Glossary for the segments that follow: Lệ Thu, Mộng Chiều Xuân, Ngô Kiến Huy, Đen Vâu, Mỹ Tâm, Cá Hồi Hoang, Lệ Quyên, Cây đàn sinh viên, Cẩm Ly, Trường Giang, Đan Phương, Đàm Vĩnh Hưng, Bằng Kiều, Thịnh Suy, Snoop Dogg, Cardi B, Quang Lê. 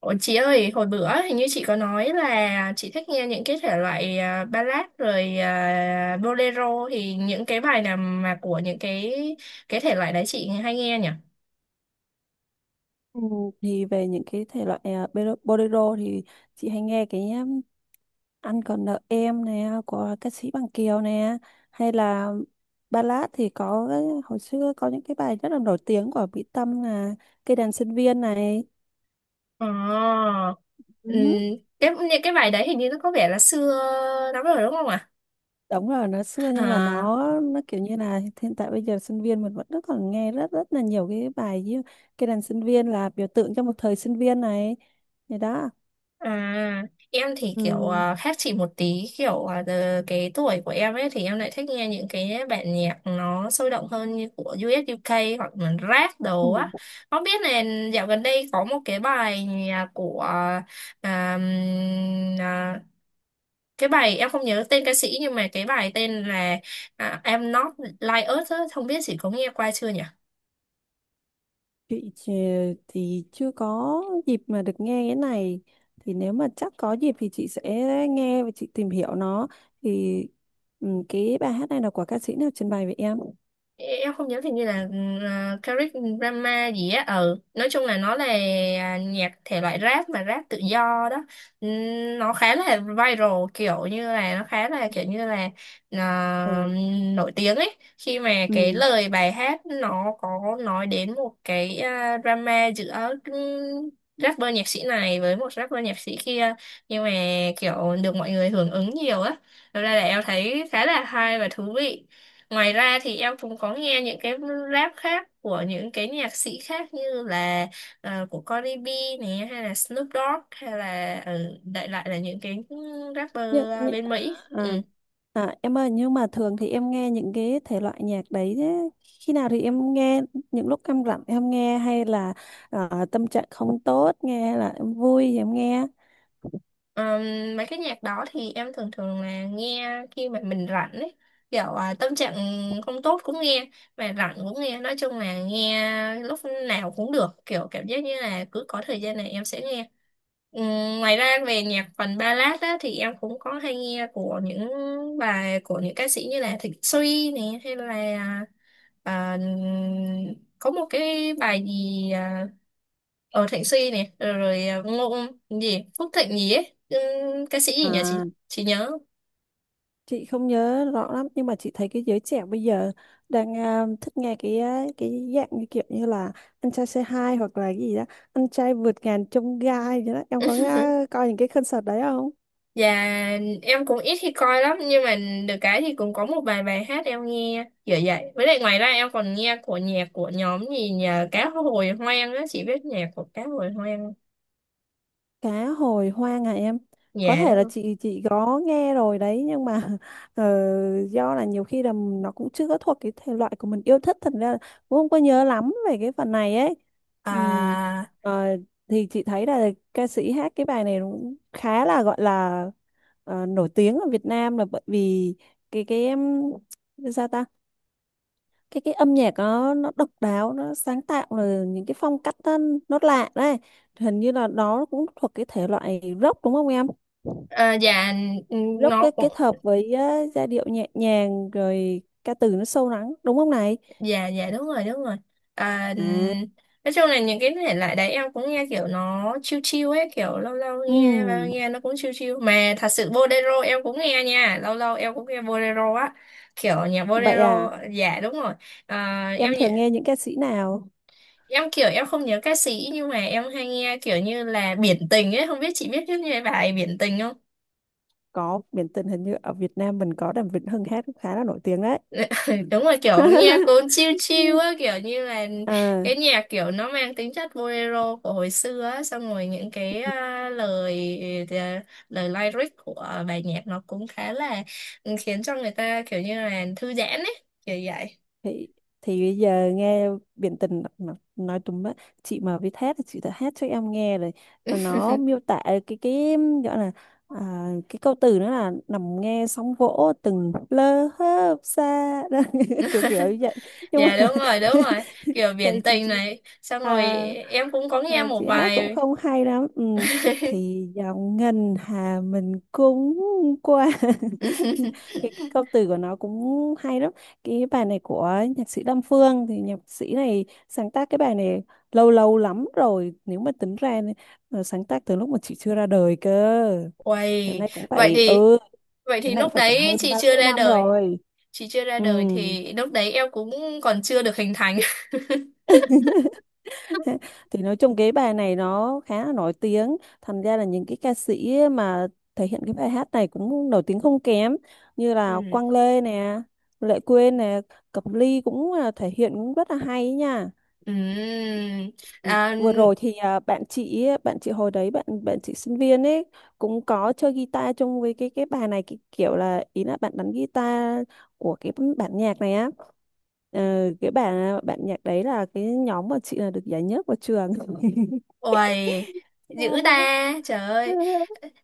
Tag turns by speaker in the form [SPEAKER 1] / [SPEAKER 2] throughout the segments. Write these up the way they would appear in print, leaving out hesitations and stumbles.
[SPEAKER 1] Ủa, chị ơi, hồi bữa hình như chị có nói là chị thích nghe những cái thể loại ballad rồi bolero thì những cái bài nào mà của những cái thể loại đấy chị hay nghe nhỉ?
[SPEAKER 2] Ừ, thì về những cái thể loại à, bolero thì chị hay nghe cái Anh còn nợ em nè của ca sĩ Bằng Kiều nè, hay là ballad thì hồi xưa có những cái bài rất là nổi tiếng của Mỹ Tâm là Cây đàn sinh viên này.
[SPEAKER 1] Ờ, ừm,
[SPEAKER 2] Ừ.
[SPEAKER 1] cái những cái bài đấy hình như nó có vẻ là xưa lắm rồi đúng không ạ?
[SPEAKER 2] Đúng rồi, nó xưa nhưng mà
[SPEAKER 1] À?
[SPEAKER 2] nó kiểu như là hiện tại bây giờ sinh viên mình vẫn rất còn nghe rất rất là nhiều cái bài như cái đàn sinh viên là biểu tượng cho một thời sinh viên này, thì đó.
[SPEAKER 1] À, em thì kiểu
[SPEAKER 2] Ừ.
[SPEAKER 1] khác chị một tí kiểu giờ cái tuổi của em ấy thì em lại thích nghe những cái bản nhạc nó sôi động hơn như của U.S. u UK hoặc là rap đồ á.
[SPEAKER 2] Ừ.
[SPEAKER 1] Không biết là dạo gần đây có một cái bài nhạc của à, ừm, à, cái bài em không nhớ tên ca sĩ nhưng mà cái bài tên là I'm Not Like Us á, không biết chị có nghe qua chưa nhỉ?
[SPEAKER 2] Chị thì chưa có dịp mà được nghe cái này, thì nếu mà chắc có dịp thì chị sẽ nghe và chị tìm hiểu nó thì ừ, cái bài hát này là của ca sĩ nào trình bày vậy em?
[SPEAKER 1] Em không nhớ, thì như là Caric Drama gì á, ừ nói chung là nó là nhạc thể loại rap mà rap tự do đó. Nó khá là viral, kiểu như là nó khá là kiểu như là ờ,
[SPEAKER 2] Ừ.
[SPEAKER 1] nổi tiếng ấy, khi mà cái
[SPEAKER 2] Ừ.
[SPEAKER 1] lời bài hát nó có nói đến một cái drama giữa rapper nhạc sĩ này với một rapper nhạc sĩ kia, nhưng mà kiểu được mọi người hưởng ứng nhiều á. Thật ra là em thấy khá là hay và thú vị. Ngoài ra thì em cũng có nghe những cái rap khác của những cái nhạc sĩ khác như là của Cardi B này, hay là Snoop Dogg, hay là đại loại là những cái
[SPEAKER 2] Nhưng,
[SPEAKER 1] rapper à, bên Mỹ. Ừ.
[SPEAKER 2] à, à em ơi, nhưng mà thường thì em nghe những cái thể loại nhạc đấy, thế khi nào thì em nghe, những lúc em rảnh em nghe hay là tâm trạng không tốt nghe hay là em vui thì em nghe?
[SPEAKER 1] Ờm, mấy cái nhạc đó thì em thường thường là nghe khi mà mình rảnh ấy, kiểu à, tâm trạng không tốt cũng nghe, mà rảnh cũng nghe, nói chung là nghe lúc nào cũng được, kiểu cảm giác như là cứ có thời gian này em sẽ nghe. Ngoài ra về nhạc phần ballad á, thì em cũng có hay nghe của những bài của những ca sĩ như là Thịnh Suy nè, hay là à, có một cái bài gì ở Thịnh Suy này rồi, rồi Ngô gì Phúc Thịnh gì ấy. Ca sĩ gì nhỉ,
[SPEAKER 2] À,
[SPEAKER 1] chị nhớ.
[SPEAKER 2] chị không nhớ rõ lắm nhưng mà chị thấy cái giới trẻ bây giờ đang à, thích nghe cái à, cái dạng như kiểu như là anh trai say hi hoặc là cái gì đó, anh trai vượt ngàn chông gai gì đó, em có nghe, coi những cái concert đấy không?
[SPEAKER 1] Và em cũng ít khi coi lắm nhưng mà được cái thì cũng có một vài bài hát em nghe kiểu vậy, với lại ngoài ra em còn nghe của nhạc của nhóm gì nhờ, Cá Hồi Hoang á, chị biết nhạc của Cá Hồi Hoang
[SPEAKER 2] Cá hồi hoang hả em? Có
[SPEAKER 1] nhà
[SPEAKER 2] thể
[SPEAKER 1] đó
[SPEAKER 2] là
[SPEAKER 1] không?
[SPEAKER 2] chị có nghe rồi đấy nhưng mà ờ, do là nhiều khi là nó cũng chưa có thuộc cái thể loại của mình yêu thích, thành ra là cũng không có nhớ lắm về cái phần này ấy. Ừm,
[SPEAKER 1] à,
[SPEAKER 2] ờ, thì chị thấy là ca sĩ hát cái bài này nó cũng khá là gọi là ờ, nổi tiếng ở Việt Nam là bởi vì cái em, sao ta, cái âm nhạc nó độc đáo, nó sáng tạo, rồi những cái phong cách nó lạ đấy. Hình như là đó cũng thuộc cái thể loại rock đúng không em?
[SPEAKER 1] dạ
[SPEAKER 2] Rock cái
[SPEAKER 1] nó cũng
[SPEAKER 2] kết hợp với á, giai điệu nhẹ nhàng rồi ca từ nó sâu lắng đúng không này?
[SPEAKER 1] dạ, dạ đúng rồi đúng rồi. à,
[SPEAKER 2] À,
[SPEAKER 1] nói chung là những cái thể loại đấy em cũng nghe kiểu nó chill chill ấy, kiểu lâu lâu nghe và
[SPEAKER 2] ừm,
[SPEAKER 1] nghe nó cũng chill chill, mà thật sự bolero em cũng nghe nha, lâu lâu em cũng nghe bolero á, kiểu nhạc
[SPEAKER 2] vậy à,
[SPEAKER 1] bolero. Dạ đúng rồi. à, em
[SPEAKER 2] em thường nghe
[SPEAKER 1] nhớ-
[SPEAKER 2] những ca sĩ nào?
[SPEAKER 1] em kiểu em không nhớ ca sĩ, nhưng mà em hay nghe kiểu như là Biển Tình ấy, không biết chị biết cái bài Biển Tình không?
[SPEAKER 2] Có, biển tình hình như ở Việt Nam mình có Đàm Vĩnh Hưng hát cũng khá là nổi tiếng đấy.
[SPEAKER 1] Đúng là kiểu nghe cuốn chill chill á, kiểu như là
[SPEAKER 2] À,
[SPEAKER 1] cái nhạc kiểu nó mang tính chất bolero của hồi xưa á, xong rồi những cái lời lời lyric của bài nhạc nó cũng khá là khiến cho người ta kiểu như là thư giãn ấy, kiểu vậy.
[SPEAKER 2] thì thì bây giờ nghe biển tình mà nói tùm á, chị mà biết hát thì chị đã hát cho em nghe rồi, mà nó miêu tả cái, gọi là à, cái câu từ nó là nằm nghe sóng vỗ từng lơ hớp xa đó, kiểu kiểu như vậy, nhưng
[SPEAKER 1] Dạ
[SPEAKER 2] mà
[SPEAKER 1] đúng rồi đúng rồi, kiểu biển
[SPEAKER 2] tại chị
[SPEAKER 1] tình
[SPEAKER 2] chị
[SPEAKER 1] này xong rồi
[SPEAKER 2] à,
[SPEAKER 1] em cũng có nghe
[SPEAKER 2] à,
[SPEAKER 1] một
[SPEAKER 2] chị hát cũng
[SPEAKER 1] bài.
[SPEAKER 2] không hay lắm, ừ, thì dòng ngân hà mình cũng qua cái câu từ của nó cũng hay lắm. Cái bài này của nhạc sĩ Đan Phương, thì nhạc sĩ này sáng tác cái bài này lâu lâu lắm rồi, nếu mà tính ra ờ, sáng tác từ lúc mà chị chưa ra đời cơ, thế
[SPEAKER 1] Uầy,
[SPEAKER 2] nay cũng
[SPEAKER 1] vậy
[SPEAKER 2] phải,
[SPEAKER 1] thì
[SPEAKER 2] ừ,
[SPEAKER 1] vậy
[SPEAKER 2] thế
[SPEAKER 1] thì
[SPEAKER 2] nay cũng
[SPEAKER 1] lúc
[SPEAKER 2] phải cả
[SPEAKER 1] đấy
[SPEAKER 2] hơn
[SPEAKER 1] chị
[SPEAKER 2] ba
[SPEAKER 1] chưa
[SPEAKER 2] mươi
[SPEAKER 1] ra
[SPEAKER 2] năm
[SPEAKER 1] đời,
[SPEAKER 2] rồi.
[SPEAKER 1] chị chưa ra
[SPEAKER 2] Ừ.
[SPEAKER 1] đời thì lúc đấy em cũng còn chưa được hình thành.
[SPEAKER 2] Thì nói chung cái bài này nó khá là nổi tiếng, thành ra là những cái ca sĩ mà thể hiện cái bài hát này cũng nổi tiếng không kém, như là
[SPEAKER 1] Ừ.
[SPEAKER 2] Quang Lê nè, Lệ Quyên nè, Cẩm Ly cũng là thể hiện cũng rất là hay nha.
[SPEAKER 1] Ừm,
[SPEAKER 2] Ừ,
[SPEAKER 1] à,
[SPEAKER 2] vừa rồi thì à, bạn chị hồi đấy bạn bạn chị sinh viên ấy, cũng có chơi guitar chung với cái bài này, cái kiểu là ý là bạn đánh guitar của cái bản nhạc này á. Ờ, cái bản nhạc đấy là cái nhóm mà chị là được giải nhất của trường.
[SPEAKER 1] Uầy, dữ ta, trời ơi.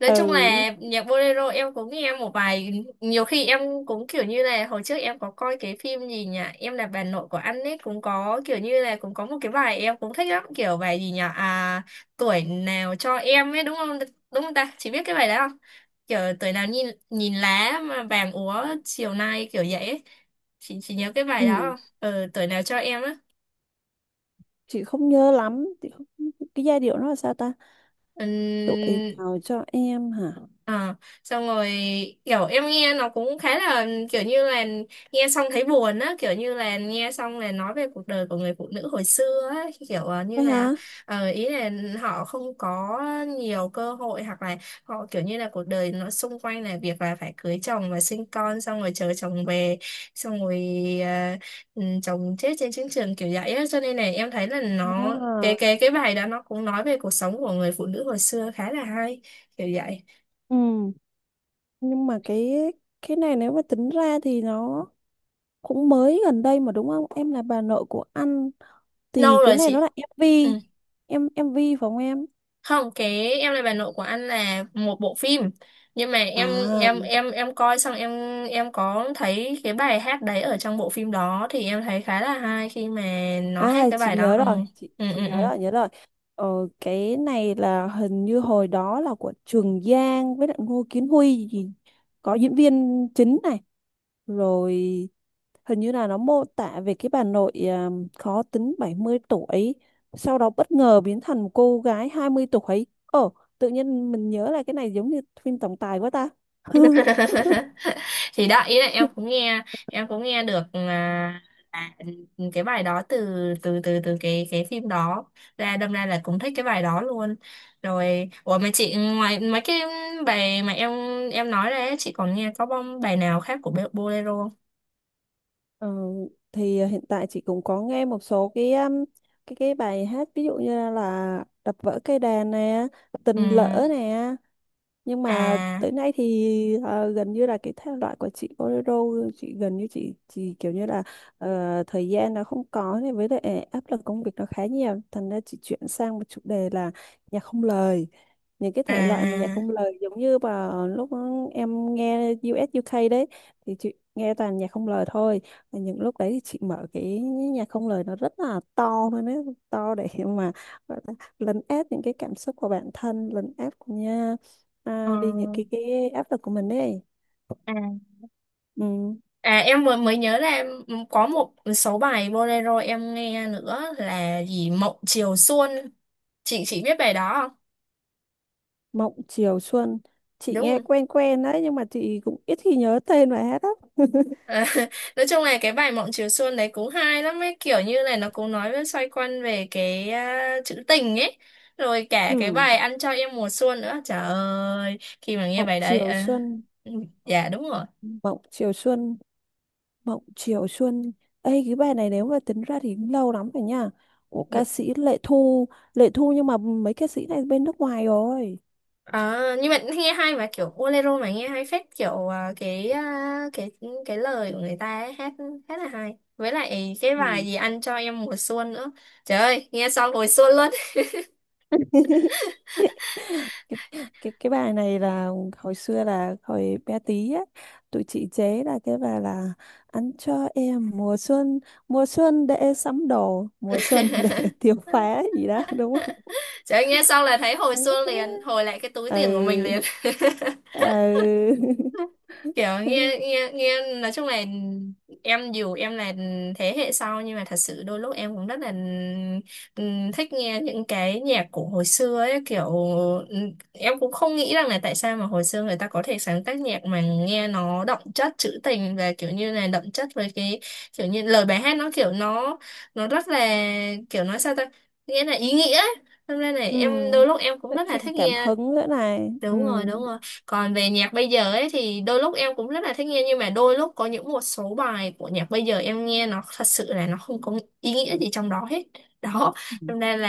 [SPEAKER 1] Nói chung
[SPEAKER 2] Ừ.
[SPEAKER 1] là nhạc bolero em cũng nghe một vài, nhiều khi em cũng kiểu như là hồi trước em có coi cái phim gì nhỉ, em là bà nội của anh ấy cũng có, kiểu như là cũng có một cái bài em cũng thích lắm, kiểu bài gì nhỉ, à tuổi nào cho em ấy đúng không ta, chỉ biết cái bài đó không? Kiểu tuổi nào nhìn nhìn lá mà vàng úa chiều nay kiểu vậy ấy. Chị nhớ cái bài đó
[SPEAKER 2] Ừ.
[SPEAKER 1] không? Ừ, tuổi nào cho em á.
[SPEAKER 2] Chị không nhớ lắm, chị không, cái giai điệu nó là sao ta, tuổi
[SPEAKER 1] Ừm,
[SPEAKER 2] nào cho em hả?
[SPEAKER 1] Ờ, xong rồi kiểu em nghe nó cũng khá là kiểu như là nghe xong thấy buồn á, kiểu như là nghe xong là nói về cuộc đời của người phụ nữ hồi xưa á, kiểu như
[SPEAKER 2] Thôi
[SPEAKER 1] là
[SPEAKER 2] hả?
[SPEAKER 1] ý là họ không có nhiều cơ hội, hoặc là họ kiểu như là cuộc đời nó xung quanh là việc là phải cưới chồng và sinh con xong rồi chờ chồng về, xong rồi ờ, chồng chết trên chiến trường kiểu vậy á, cho nên là em thấy là nó
[SPEAKER 2] À,
[SPEAKER 1] cái bài đó nó cũng nói về cuộc sống của người phụ nữ hồi xưa khá là hay, kiểu vậy.
[SPEAKER 2] ừ, nhưng mà cái này nếu mà tính ra thì nó cũng mới gần đây mà, đúng không em, là bà nội của anh,
[SPEAKER 1] Lâu
[SPEAKER 2] thì cái
[SPEAKER 1] rồi
[SPEAKER 2] này nó
[SPEAKER 1] chị.
[SPEAKER 2] là MV
[SPEAKER 1] Ừ.
[SPEAKER 2] em, MV phải không em?
[SPEAKER 1] Không, cái em là bà nội của anh là một bộ phim, nhưng mà em
[SPEAKER 2] À.
[SPEAKER 1] em em em coi xong em có thấy cái bài hát đấy ở trong bộ phim đó, thì em thấy khá là hay khi mà nó hát
[SPEAKER 2] À
[SPEAKER 1] cái
[SPEAKER 2] chị
[SPEAKER 1] bài đó.
[SPEAKER 2] nhớ
[SPEAKER 1] Ừ
[SPEAKER 2] rồi, chị
[SPEAKER 1] ừ
[SPEAKER 2] chị
[SPEAKER 1] ừ,
[SPEAKER 2] nhớ
[SPEAKER 1] ừ.
[SPEAKER 2] rồi, nhớ rồi. Ờ, cái này là hình như hồi đó là của Trường Giang với lại Ngô Kiến Huy gì, có diễn viên chính này, rồi hình như là nó mô tả về cái bà nội à, khó tính 70 tuổi, sau đó bất ngờ biến thành một cô gái 20 tuổi. Ồ, tự nhiên mình nhớ là cái này giống như phim tổng tài quá ta.
[SPEAKER 1] Thì đó ý là em cũng nghe, em cũng nghe được à, cái bài đó từ từ từ từ cái phim đó ra, đâm ra là cũng thích cái bài đó luôn. Rồi ủa mà chị, ngoài mấy cái bài mà em nói ra ấy, chị còn nghe có bom bài nào khác của Bolero không?
[SPEAKER 2] Ờ, thì à, hiện tại chị cũng có nghe một số cái bài hát ví dụ như là đập vỡ cây đàn nè,
[SPEAKER 1] Ừ,
[SPEAKER 2] tình lỡ nè, nhưng mà
[SPEAKER 1] à
[SPEAKER 2] tới nay thì ờ, gần như là cái thể loại của chị bolero, chị gần như chị kiểu như là ờ, thời gian nó không có này, với lại áp lực công việc nó khá nhiều, thành ra chị chuyển sang một chủ đề là nhạc không lời, những cái thể loại mà nhạc
[SPEAKER 1] à
[SPEAKER 2] không lời giống như vào lúc em nghe US UK đấy, thì chị nghe toàn nhạc không lời thôi. Và những lúc đấy thì chị mở cái nhạc không lời nó rất là to thôi, nó to để mà gọi là lấn át những cái cảm xúc của bản thân, lấn át của
[SPEAKER 1] ờ,
[SPEAKER 2] à, đi những cái áp lực của mình ấy.
[SPEAKER 1] à.
[SPEAKER 2] Ừ.
[SPEAKER 1] À em mới mới nhớ là em ừ, có một số bài bolero em nghe nữa là gì, Mộng Chiều Xuân. Chị biết bài đó.
[SPEAKER 2] Mộng Chiều Xuân, chị
[SPEAKER 1] Đúng
[SPEAKER 2] nghe
[SPEAKER 1] rồi.
[SPEAKER 2] quen quen đấy nhưng mà chị cũng ít khi nhớ tên bài hát lắm.
[SPEAKER 1] À, nói chung là cái bài Mộng Chiều Xuân đấy cũng hay lắm ấy, kiểu như này nó cũng nói với xoay quanh về cái chữ tình ấy, rồi cả cái
[SPEAKER 2] Ừ.
[SPEAKER 1] bài Ăn cho em mùa xuân nữa, trời ơi khi mà nghe
[SPEAKER 2] Mộng
[SPEAKER 1] bài đấy
[SPEAKER 2] Chiều
[SPEAKER 1] à,
[SPEAKER 2] Xuân,
[SPEAKER 1] dạ đúng rồi.
[SPEAKER 2] Mộng Chiều Xuân, Mộng Chiều Xuân. Ê cái bài này nếu mà tính ra thì cũng lâu lắm rồi nha, của ca
[SPEAKER 1] Đ-
[SPEAKER 2] sĩ Lệ Thu, Lệ Thu, nhưng mà mấy ca sĩ này bên nước ngoài rồi.
[SPEAKER 1] À, nhưng mà nghe hay mà, kiểu bolero mà nghe hay phết, kiểu cái lời của người ta ấy, hát hát là hay, với lại cái bài gì Ăn cho em mùa xuân nữa, trời ơi nghe xong hồi xuân luôn.
[SPEAKER 2] Ừ. Cái bài này là hồi xưa là hồi bé tí á, tụi chị chế là cái bài là ăn cho em mùa xuân, mùa xuân để sắm đồ, mùa xuân để tiêu phá gì đó đúng không?
[SPEAKER 1] Trời ơi, nghe xong là thấy hồi xưa liền, hồi lại cái túi tiền của mình
[SPEAKER 2] Ừ.
[SPEAKER 1] liền.
[SPEAKER 2] Ừ.
[SPEAKER 1] Kiểu nghe nghe nghe nói chung là em dù em là thế hệ sau nhưng mà thật sự đôi lúc em cũng rất là thích nghe những cái nhạc của hồi xưa ấy, kiểu em cũng không nghĩ rằng là tại sao mà hồi xưa người ta có thể sáng tác nhạc mà nghe nó đậm chất trữ tình, và kiểu như là đậm chất với cái kiểu như lời bài hát nó kiểu nó rất là kiểu nói sao ta, nghĩa là ý nghĩa ấy. Hôm nay này
[SPEAKER 2] Ừ,
[SPEAKER 1] em đôi lúc em cũng
[SPEAKER 2] nó
[SPEAKER 1] rất là
[SPEAKER 2] truyền
[SPEAKER 1] thích
[SPEAKER 2] cảm
[SPEAKER 1] nghe.
[SPEAKER 2] hứng nữa này, ừ,
[SPEAKER 1] Đúng rồi đúng rồi. Còn về nhạc bây giờ ấy thì đôi lúc em cũng rất là thích nghe, nhưng mà đôi lúc có những một số bài của nhạc bây giờ em nghe nó thật sự là nó không có ý nghĩa gì trong đó hết đó, cho nên là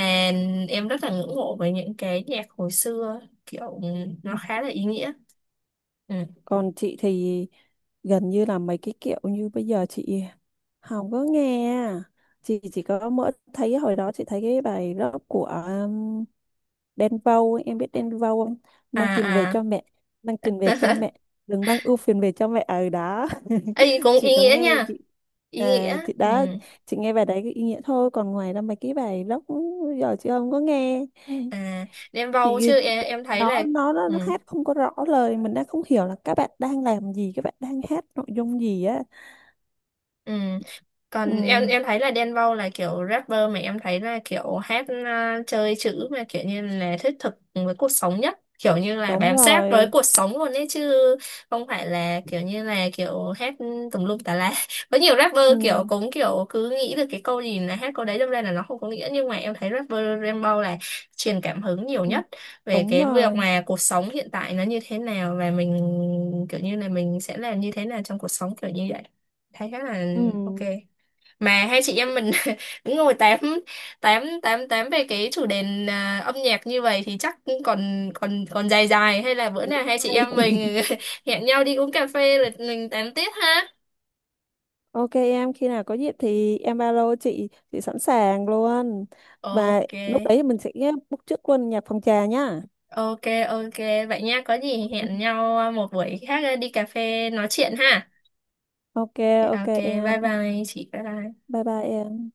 [SPEAKER 1] em rất là ngưỡng mộ với những cái nhạc hồi xưa, kiểu nó khá là ý nghĩa. Ừ.
[SPEAKER 2] còn chị thì gần như là mấy cái kiểu như bây giờ chị không có nghe, chị chỉ có mỗi thấy hồi đó chị thấy cái bài rap của Đen Vâu ấy, em biết Đen Vâu không,
[SPEAKER 1] À
[SPEAKER 2] mang tiền về
[SPEAKER 1] à
[SPEAKER 2] cho mẹ, mang tiền về cho mẹ, đừng mang ưu phiền về cho mẹ ở đó.
[SPEAKER 1] ấy cũng
[SPEAKER 2] Chị
[SPEAKER 1] ý
[SPEAKER 2] có
[SPEAKER 1] nghĩa
[SPEAKER 2] nghe
[SPEAKER 1] nha.
[SPEAKER 2] chị,
[SPEAKER 1] Ý
[SPEAKER 2] à,
[SPEAKER 1] nghĩa
[SPEAKER 2] chị
[SPEAKER 1] ừ.
[SPEAKER 2] đã, chị nghe bài đấy cái ý nghĩa thôi, còn ngoài ra mấy cái bài rock giờ chị không có nghe
[SPEAKER 1] À đem vào
[SPEAKER 2] chị,
[SPEAKER 1] chứ
[SPEAKER 2] tại
[SPEAKER 1] em
[SPEAKER 2] vì
[SPEAKER 1] thấy
[SPEAKER 2] nó
[SPEAKER 1] là
[SPEAKER 2] nó nó
[SPEAKER 1] ừ.
[SPEAKER 2] nó hát không có rõ lời, mình đang không hiểu là các bạn đang làm gì, các bạn đang hát nội dung gì á.
[SPEAKER 1] Ừ.
[SPEAKER 2] Ừ.
[SPEAKER 1] Còn em thấy là Đen Vâu là kiểu rapper mà em thấy là kiểu hát chơi chữ mà kiểu như là thiết thực với cuộc sống nhất, kiểu như là
[SPEAKER 2] Đúng
[SPEAKER 1] bám sát với
[SPEAKER 2] rồi.
[SPEAKER 1] cuộc sống luôn ấy chứ không phải là kiểu như là kiểu hát tùm lum tà la. Có nhiều rapper
[SPEAKER 2] Ừ,
[SPEAKER 1] kiểu cũng kiểu cứ nghĩ được cái câu gì là hát câu đấy đâm ra là nó không có nghĩa, nhưng mà em thấy rapper Đen Vâu là truyền cảm hứng nhiều
[SPEAKER 2] ừ,
[SPEAKER 1] nhất về
[SPEAKER 2] đúng
[SPEAKER 1] cái việc
[SPEAKER 2] rồi.
[SPEAKER 1] mà cuộc sống hiện tại nó như thế nào và mình kiểu như là mình sẽ làm như thế nào trong cuộc sống kiểu như vậy, thấy khá là
[SPEAKER 2] Ừ.
[SPEAKER 1] ok. Mà hai chị em mình cũng ngồi tám tám tám tám về cái chủ đề âm nhạc như vậy thì chắc cũng còn còn còn dài dài, hay là bữa
[SPEAKER 2] Cũng
[SPEAKER 1] nào hai chị
[SPEAKER 2] hay.
[SPEAKER 1] em mình hẹn nhau đi uống cà phê rồi mình tám tiếp ha.
[SPEAKER 2] Ok em, khi nào có dịp thì em ba lô, chị sẵn sàng luôn, và
[SPEAKER 1] Ok
[SPEAKER 2] lúc đấy mình sẽ book trước luôn nhạc phòng trà nhá.
[SPEAKER 1] ok ok vậy nha, có gì hẹn nhau một buổi khác đi cà phê nói chuyện ha.
[SPEAKER 2] Ok. Ok
[SPEAKER 1] Ok. Bye
[SPEAKER 2] em,
[SPEAKER 1] bye chị, bye bye.
[SPEAKER 2] bye bye em.